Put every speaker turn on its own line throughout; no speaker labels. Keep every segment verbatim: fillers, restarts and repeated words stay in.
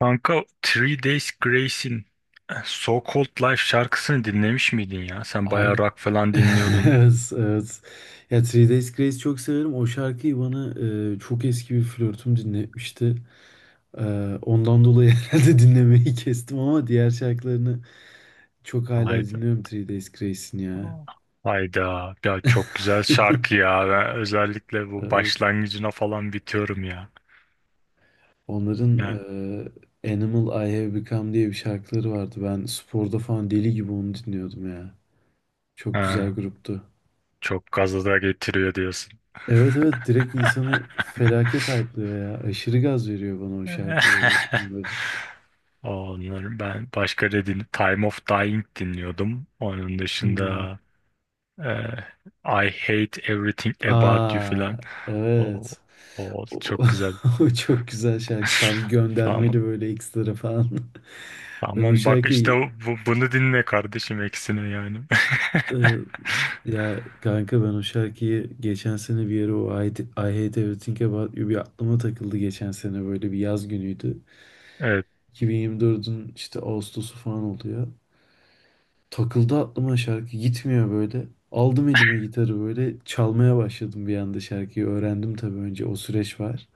Kanka Three Days Grace'in eh, So Called Life şarkısını dinlemiş miydin ya? Sen bayağı
Abi
rock falan dinliyordun.
evet, evet. Ya Three Days Grace çok severim. O şarkıyı bana e, çok eski bir flörtüm dinletmişti. E, Ondan dolayı herhalde dinlemeyi kestim ama diğer şarkılarını çok hala
Hayda.
dinliyorum Three Days Grace'in ya.
Hayda. Ya çok güzel şarkı ya. Ben özellikle bu
Evet.
başlangıcına falan bitiyorum ya.
Onların
Ya.
e, Animal I Have Become diye bir şarkıları vardı. Ben sporda falan deli gibi onu dinliyordum ya. Çok güzel
Ha,
gruptu.
çok gaza da getiriyor diyorsun.
Evet evet, direkt insanı felaket hype'lıyor ya. Aşırı gaz veriyor bana o şarkıları. Bunların.
Onları ben başka ne din Time of Dying dinliyordum. Onun
Hmm.
dışında eh, I Hate Everything About You
Aa,
falan. O,
evet.
o
O,
çok güzel.
o çok güzel şarkı. Tam göndermeli
Tamam.
böyle ekstra falan. Ben o
Tamam bak işte
şarkıyı
bu, bunu dinle kardeşim eksine yani.
e, ya kanka, ben o şarkıyı geçen sene bir yere, o I, I Hate Everything About You bir aklıma takıldı geçen sene. Böyle bir yaz günüydü.
Evet.
iki bin yirmi dörtün işte Ağustos'u falan oluyor. Takıldı aklıma, şarkı gitmiyor böyle. Aldım elime gitarı, böyle çalmaya başladım, bir anda şarkıyı öğrendim. Tabii önce o süreç var.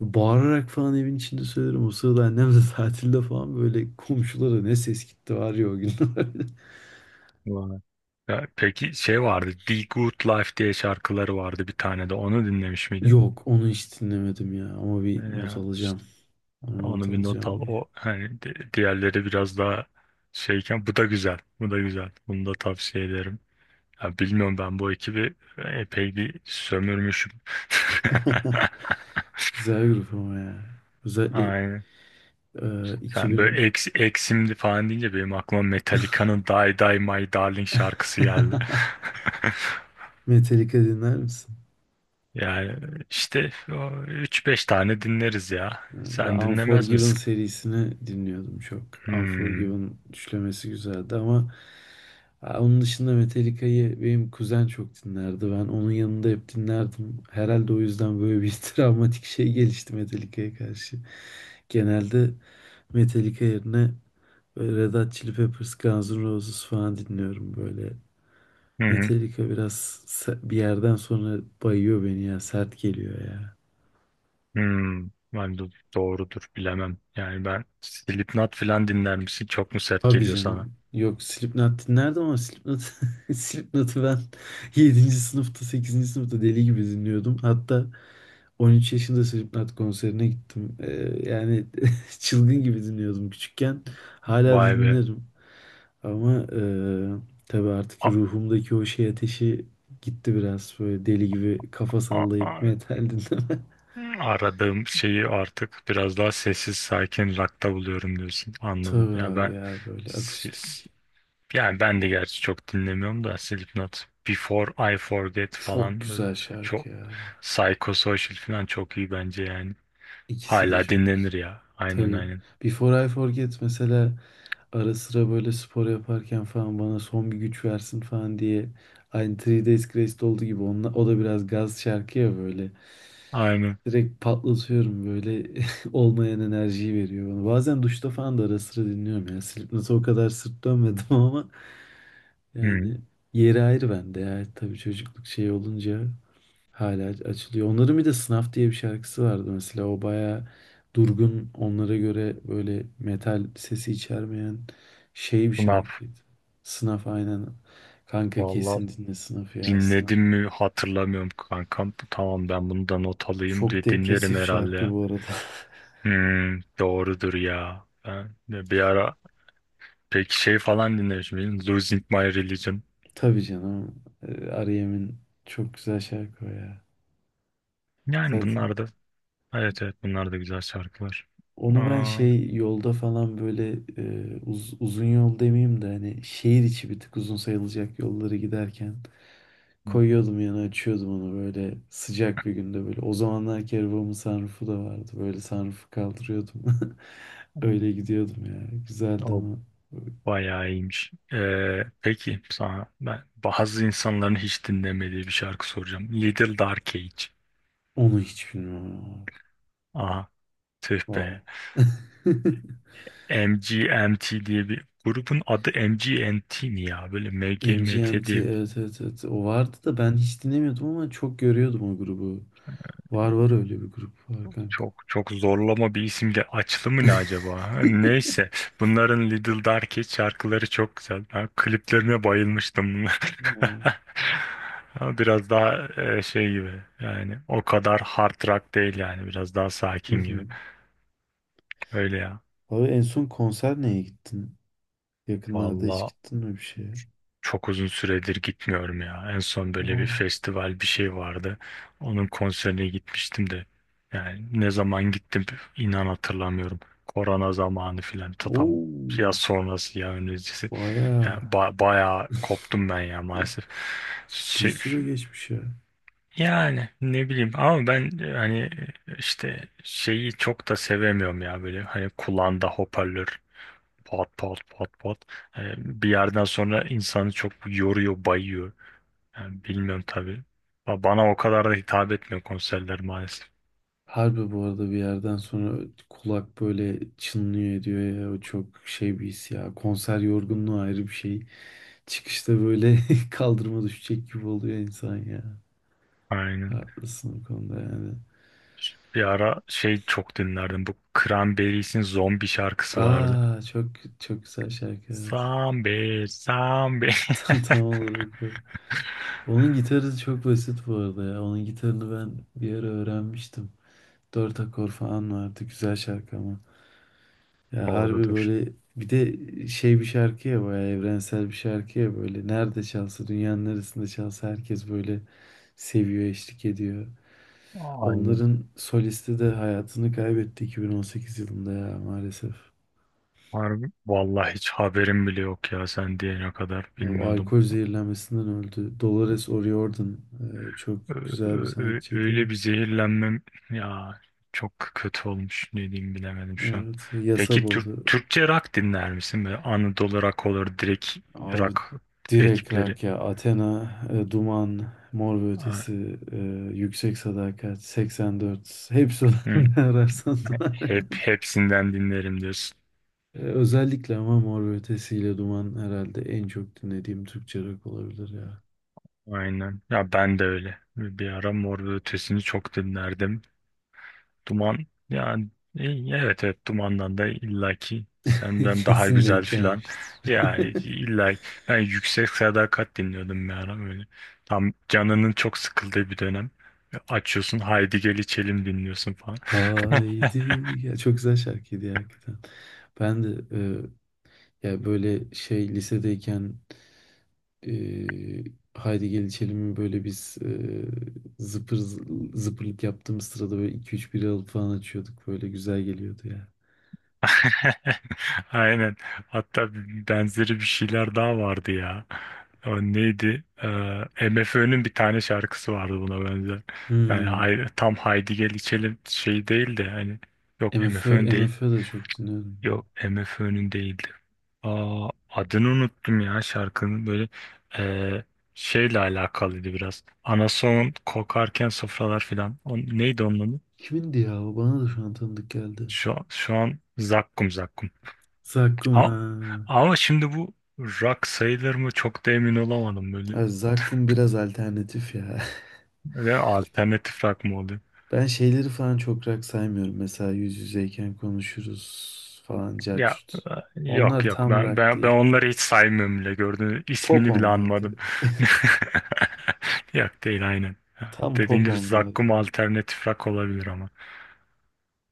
Bağırarak falan evin içinde söylerim. O sırada annem de tatilde falan, böyle komşulara ne ses gitti var ya o günler.
Vay. Ya, peki şey vardı. The Good Life diye şarkıları vardı bir tane de. Onu dinlemiş miydin?
Yok, onu hiç dinlemedim ya ama
Ee,
bir not
Ya
alacağım.
işte
Onu not
onu bir not
alacağım
al.
bir.
O hani di- diğerleri biraz daha şeyken bu da güzel. Bu da güzel. Bunu da tavsiye ederim. Ya bilmiyorum ben bu ekibi epey bir sömürmüşüm.
Güzel grup ama ya. Özellikle
Aynen.
e,
Sen
iki bin
böyle eks, eksimdi falan deyince benim aklıma Metallica'nın Die Die My Darling şarkısı geldi.
Metallica dinler misin?
Yani işte üç beş tane dinleriz ya.
Ve
Sen dinlemez
Unforgiven
misin?
serisini dinliyordum çok.
Hmm.
Unforgiven düşlemesi güzeldi ama ha, onun dışında Metallica'yı benim kuzen çok dinlerdi. Ben onun yanında hep dinlerdim. Herhalde o yüzden böyle bir travmatik şey gelişti Metallica'ya karşı. Genelde Metallica yerine böyle Red Hot Chili Peppers, Guns N' Roses falan dinliyorum böyle.
Hı hı.
Metallica biraz se- bir yerden sonra bayıyor beni ya. Sert geliyor ya.
Hmm. Ben de doğrudur bilemem. Yani ben Slipknot falan dinler misin? Çok mu sert
Tabii
geliyor sana?
canım. Yok, Slipknot dinlerdim ama Slipknot, Slipknot'u ben yedinci sınıfta, sekizinci sınıfta deli gibi dinliyordum. Hatta on üç yaşında Slipknot konserine gittim. Ee, yani çılgın gibi dinliyordum küçükken. Hala da
Vay be.
dinlerim. Ama e, tabii artık
A-
ruhumdaki o şey ateşi gitti biraz. Böyle deli gibi kafa
a-
sallayıp
a-
metal dinleme.
Aradığım şeyi artık biraz daha sessiz sakin rock'ta buluyorum diyorsun. Anladım.
Tabii
Ya
abi
ben
ya, böyle
si, si,
akustik.
yani ben de gerçi çok dinlemiyorum da Slipknot, Before I Forget
Çok
falan böyle
güzel
çok
şarkı ya.
psychosocial falan çok iyi bence yani.
İkisi de
Hala
çok
dinlenir
güzel.
ya. Aynen
Tabii.
aynen.
Before I Forget mesela ara sıra böyle spor yaparken falan bana son bir güç versin falan diye, aynı Three Days Grace'de olduğu gibi, onunla, o da biraz gaz şarkı ya böyle.
Aynen.
Direkt patlatıyorum böyle, olmayan enerjiyi veriyor bana. Bazen duşta falan da ara sıra dinliyorum ya. Slipknot'a o kadar sırt dönmedim ama
Hı.
yani yeri ayrı bende ya. Tabii, çocukluk şey olunca hala aç- açılıyor. Onların bir de Sınav diye bir şarkısı vardı mesela. O baya durgun, onlara göre böyle metal sesi içermeyen şey bir
Snap.
şarkıydı. Sınav, aynen. Kanka,
Valla
kesin dinle Sınav'ı, ya Sınav.
dinledim mi hatırlamıyorum kankam. Tamam ben bunu da not alayım
Çok
diye dinlerim
depresif
herhalde
şarkı
ya.
bu arada.
Hmm, doğrudur ya. Ben de bir ara peki şey falan dinlemişim. Benim Losing My Religion.
Tabii canım. Ee, R E.M'in çok güzel şarkı o ya.
Yani
Zaten
bunlar da evet evet bunlar da güzel şarkılar.
onu ben
Aa.
şey yolda falan böyle, e, uz- uzun yol demeyeyim de, hani şehir içi bir tık uzun sayılacak yolları giderken koyuyordum yana, açıyordum onu, böyle sıcak bir günde böyle. O zamanlar ki arabamın sunroofu da vardı. Böyle sunroofu kaldırıyordum.
Hmm.
Öyle gidiyordum ya. Güzeldi
O
ama
bayağı iyiymiş. Ee, peki sana ben bazı insanların hiç dinlemediği bir şarkı soracağım. Little Dark Age.
onu hiç bilmiyorum ama.
Aha tüh
Wow.
be. M G M T diye bir grubun adı M G M T mi ya? Böyle M M G M T
M G M T,
diye
evet evet evet. O vardı da ben hiç dinlemiyordum ama çok görüyordum o grubu. Var var, öyle bir grup var kanka.
çok çok zorlama bir isimdi. Açlı mı ne acaba? Neyse. Bunların Little Darky şarkıları çok güzel. Ben kliplerine bayılmıştım bunlar.
Wow.
Ama biraz daha e, şey gibi. Yani o kadar hard rock değil yani. Biraz daha
Hı
sakin gibi.
hı.
Öyle ya.
Abi, en son konser neye gittin? Yakınlarda hiç
Vallahi
gittin mi bir şeye?
çok uzun süredir gitmiyorum ya. En son böyle bir
Aa.
festival bir şey vardı. Onun konserine gitmiştim de. Yani ne zaman gittim inan hatırlamıyorum. Korona zamanı filan ta tam
Oo.
ya sonrası ya öncesi. Yani
Bayağı
ba- bayağı koptum ben ya maalesef.
ciddi
Şey-
süre geçmiş ya.
Yani ne bileyim ama ben e, hani e, işte şeyi çok da sevemiyorum ya böyle hani kulağında hoparlör pat pat pat pat. Ee, bir yerden sonra insanı çok yoruyor, bayıyor. Yani bilmiyorum tabii. Ba- Bana o kadar da hitap etmiyor konserler maalesef.
Harbi, bu arada bir yerden sonra kulak böyle çınlıyor ediyor ya. O çok şey bir his ya. Konser yorgunluğu ayrı bir şey. Çıkışta böyle kaldırıma düşecek gibi oluyor insan ya.
Aynen.
Haklısın bu konuda yani.
Bir ara şey çok dinlerdim. Bu Cranberries'in zombi şarkısı vardı.
Aa çok çok güzel şarkı, evet.
Zombie, zombie.
Tam tam olarak o. Onun gitarı çok basit bu arada ya. Onun gitarını ben bir ara öğrenmiştim. Dört akor falan vardı. Güzel şarkı ama. Ya harbi,
Doğrudur.
böyle bir de şey bir şarkı ya, bayağı evrensel bir şarkıya böyle nerede çalsa, dünyanın neresinde çalsa herkes böyle seviyor, eşlik ediyor.
Aynen.
Onların solisti de hayatını kaybetti iki bin on sekiz yılında ya, maalesef.
Harbi. Vallahi hiç haberim bile yok ya sen diyene kadar
O
bilmiyordum.
alkol zehirlenmesinden öldü. Dolores O'Riordan e, çok
Ö-
güzel bir
ö- ö-
sanatçıydı.
Öyle bir zehirlenmem ya çok kötü olmuş ne diyeyim bilemedim şu an.
Evet, yasa
Peki Türk
boğdu.
Türkçe rock dinler misin? Böyle Anadolu rock olur direkt
Abi,
rock
direkt
ekipleri.
rak ya. Athena, e, Duman, Mor ve
Ha,
Ötesi, e, Yüksek Sadakat, seksen dört. Hepsi var.
hı.
Ne ararsan var.
Hep hepsinden dinlerim diyorsun.
E, özellikle ama Mor ve Ötesi ile Duman herhalde en çok dinlediğim Türkçe rock olabilir ya.
Aynen. Ya ben de öyle. Bir ara Mor ve Ötesi'ni çok dinlerdim. Duman yani e, evet evet dumandan da illaki senden daha
Kesin
güzel
denk
filan.
gelmiştir.
Yani illa ben yüksek sadakat dinliyordum bir ara böyle. Tam canının çok sıkıldığı bir dönem. Açıyorsun Haydi Gel İçelim dinliyorsun falan.
Haydi. Ya çok güzel şarkıydı ya hakikaten. Ben de e, ya böyle şey lisedeyken, Ee, Haydi Gel İçelim'i böyle biz, e, zıpır zıpırlık yaptığımız sırada böyle iki üç bira alıp falan açıyorduk. Böyle güzel geliyordu ya.
Aynen. Hatta benzeri bir şeyler daha vardı ya. O neydi? Ee, MFÖ'nün bir tane şarkısı vardı buna benzer. Yani
Hmm.
hay- tam Haydi Gel İçelim şey değil de hani yok
MFÖ,
MFÖ değil.
MFÖ de çok dinliyorum.
Yok MFÖ'nün değildi. Aa, adını unuttum ya şarkının böyle eee, şeyle alakalıydı biraz. Anason kokarken sofralar filan. O, neydi onun adı?
Kimindi ya? O bana da şu an tanıdık geldi.
Şu, şu an zakkum zakkum.
Zakkum,
Ama,
ha.
ama şimdi bu rock sayılır mı çok da emin olamadım böyle.
Evet, Zakkum biraz alternatif ya.
Ve alternatif rock mı?
Ben şeyleri falan çok rock saymıyorum. Mesela yüz yüzeyken konuşuruz falan,
Ya
cart.
e, yok
Onlar
yok
tam
ben
rock
ben ben
değil.
onları hiç saymıyorum bile gördüğünüz
Pop
ismini bile
onlar
anmadım.
tabii.
Yok değil aynen.
Tam
Dediğim
pop
gibi
onlar ya.
Zakkum alternatif rock olabilir ama.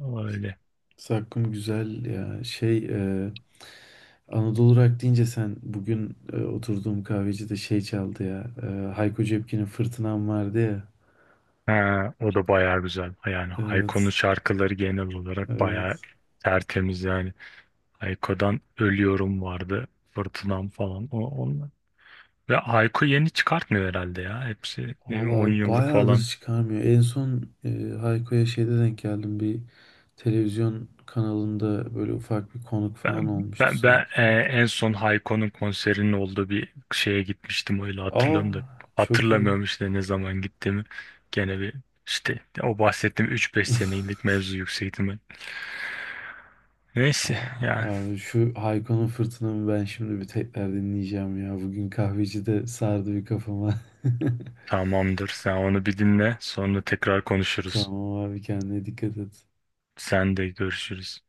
Ama öyle.
Zakkum güzel ya. Şey e, Anadolu Rock deyince, sen bugün e, oturduğum kahvecide şey çaldı ya. E, Hayko Cepkin'in Fırtınam vardı ya.
Ha, o da bayağı güzel. Yani Hayko'nun
Evet.
şarkıları genel olarak bayağı
Evet.
tertemiz yani. Hayko'dan Ölüyorum vardı. Fırtınam falan. O, onlar. Ve Hayko yeni çıkartmıyor herhalde ya. Hepsi ne, bileyim, on
Valla
yıllık
bayağıdır
falan.
çıkarmıyor. En son e, Hayko'ya şeyde denk geldim. Bir televizyon kanalında böyle ufak bir konuk falan
Ben,
olmuştu
ben, ben
sanki.
e, en son Hayko'nun konserinin olduğu bir şeye gitmiştim öyle
Aa
hatırlıyorum da
çok iyi.
hatırlamıyorum işte ne zaman gittiğimi. Gene bir işte o bahsettiğim üç beş senelik mevzu yüksek ihtimal. Neyse
Aa,
yani
abi şu Hayko'nun Fırtınam'ı ben şimdi bir tekrar dinleyeceğim ya. Bugün kahveci de sardı bir kafama.
tamamdır sen onu bir dinle sonra tekrar konuşuruz.
Tamam abi, kendine dikkat et.
Sen de görüşürüz.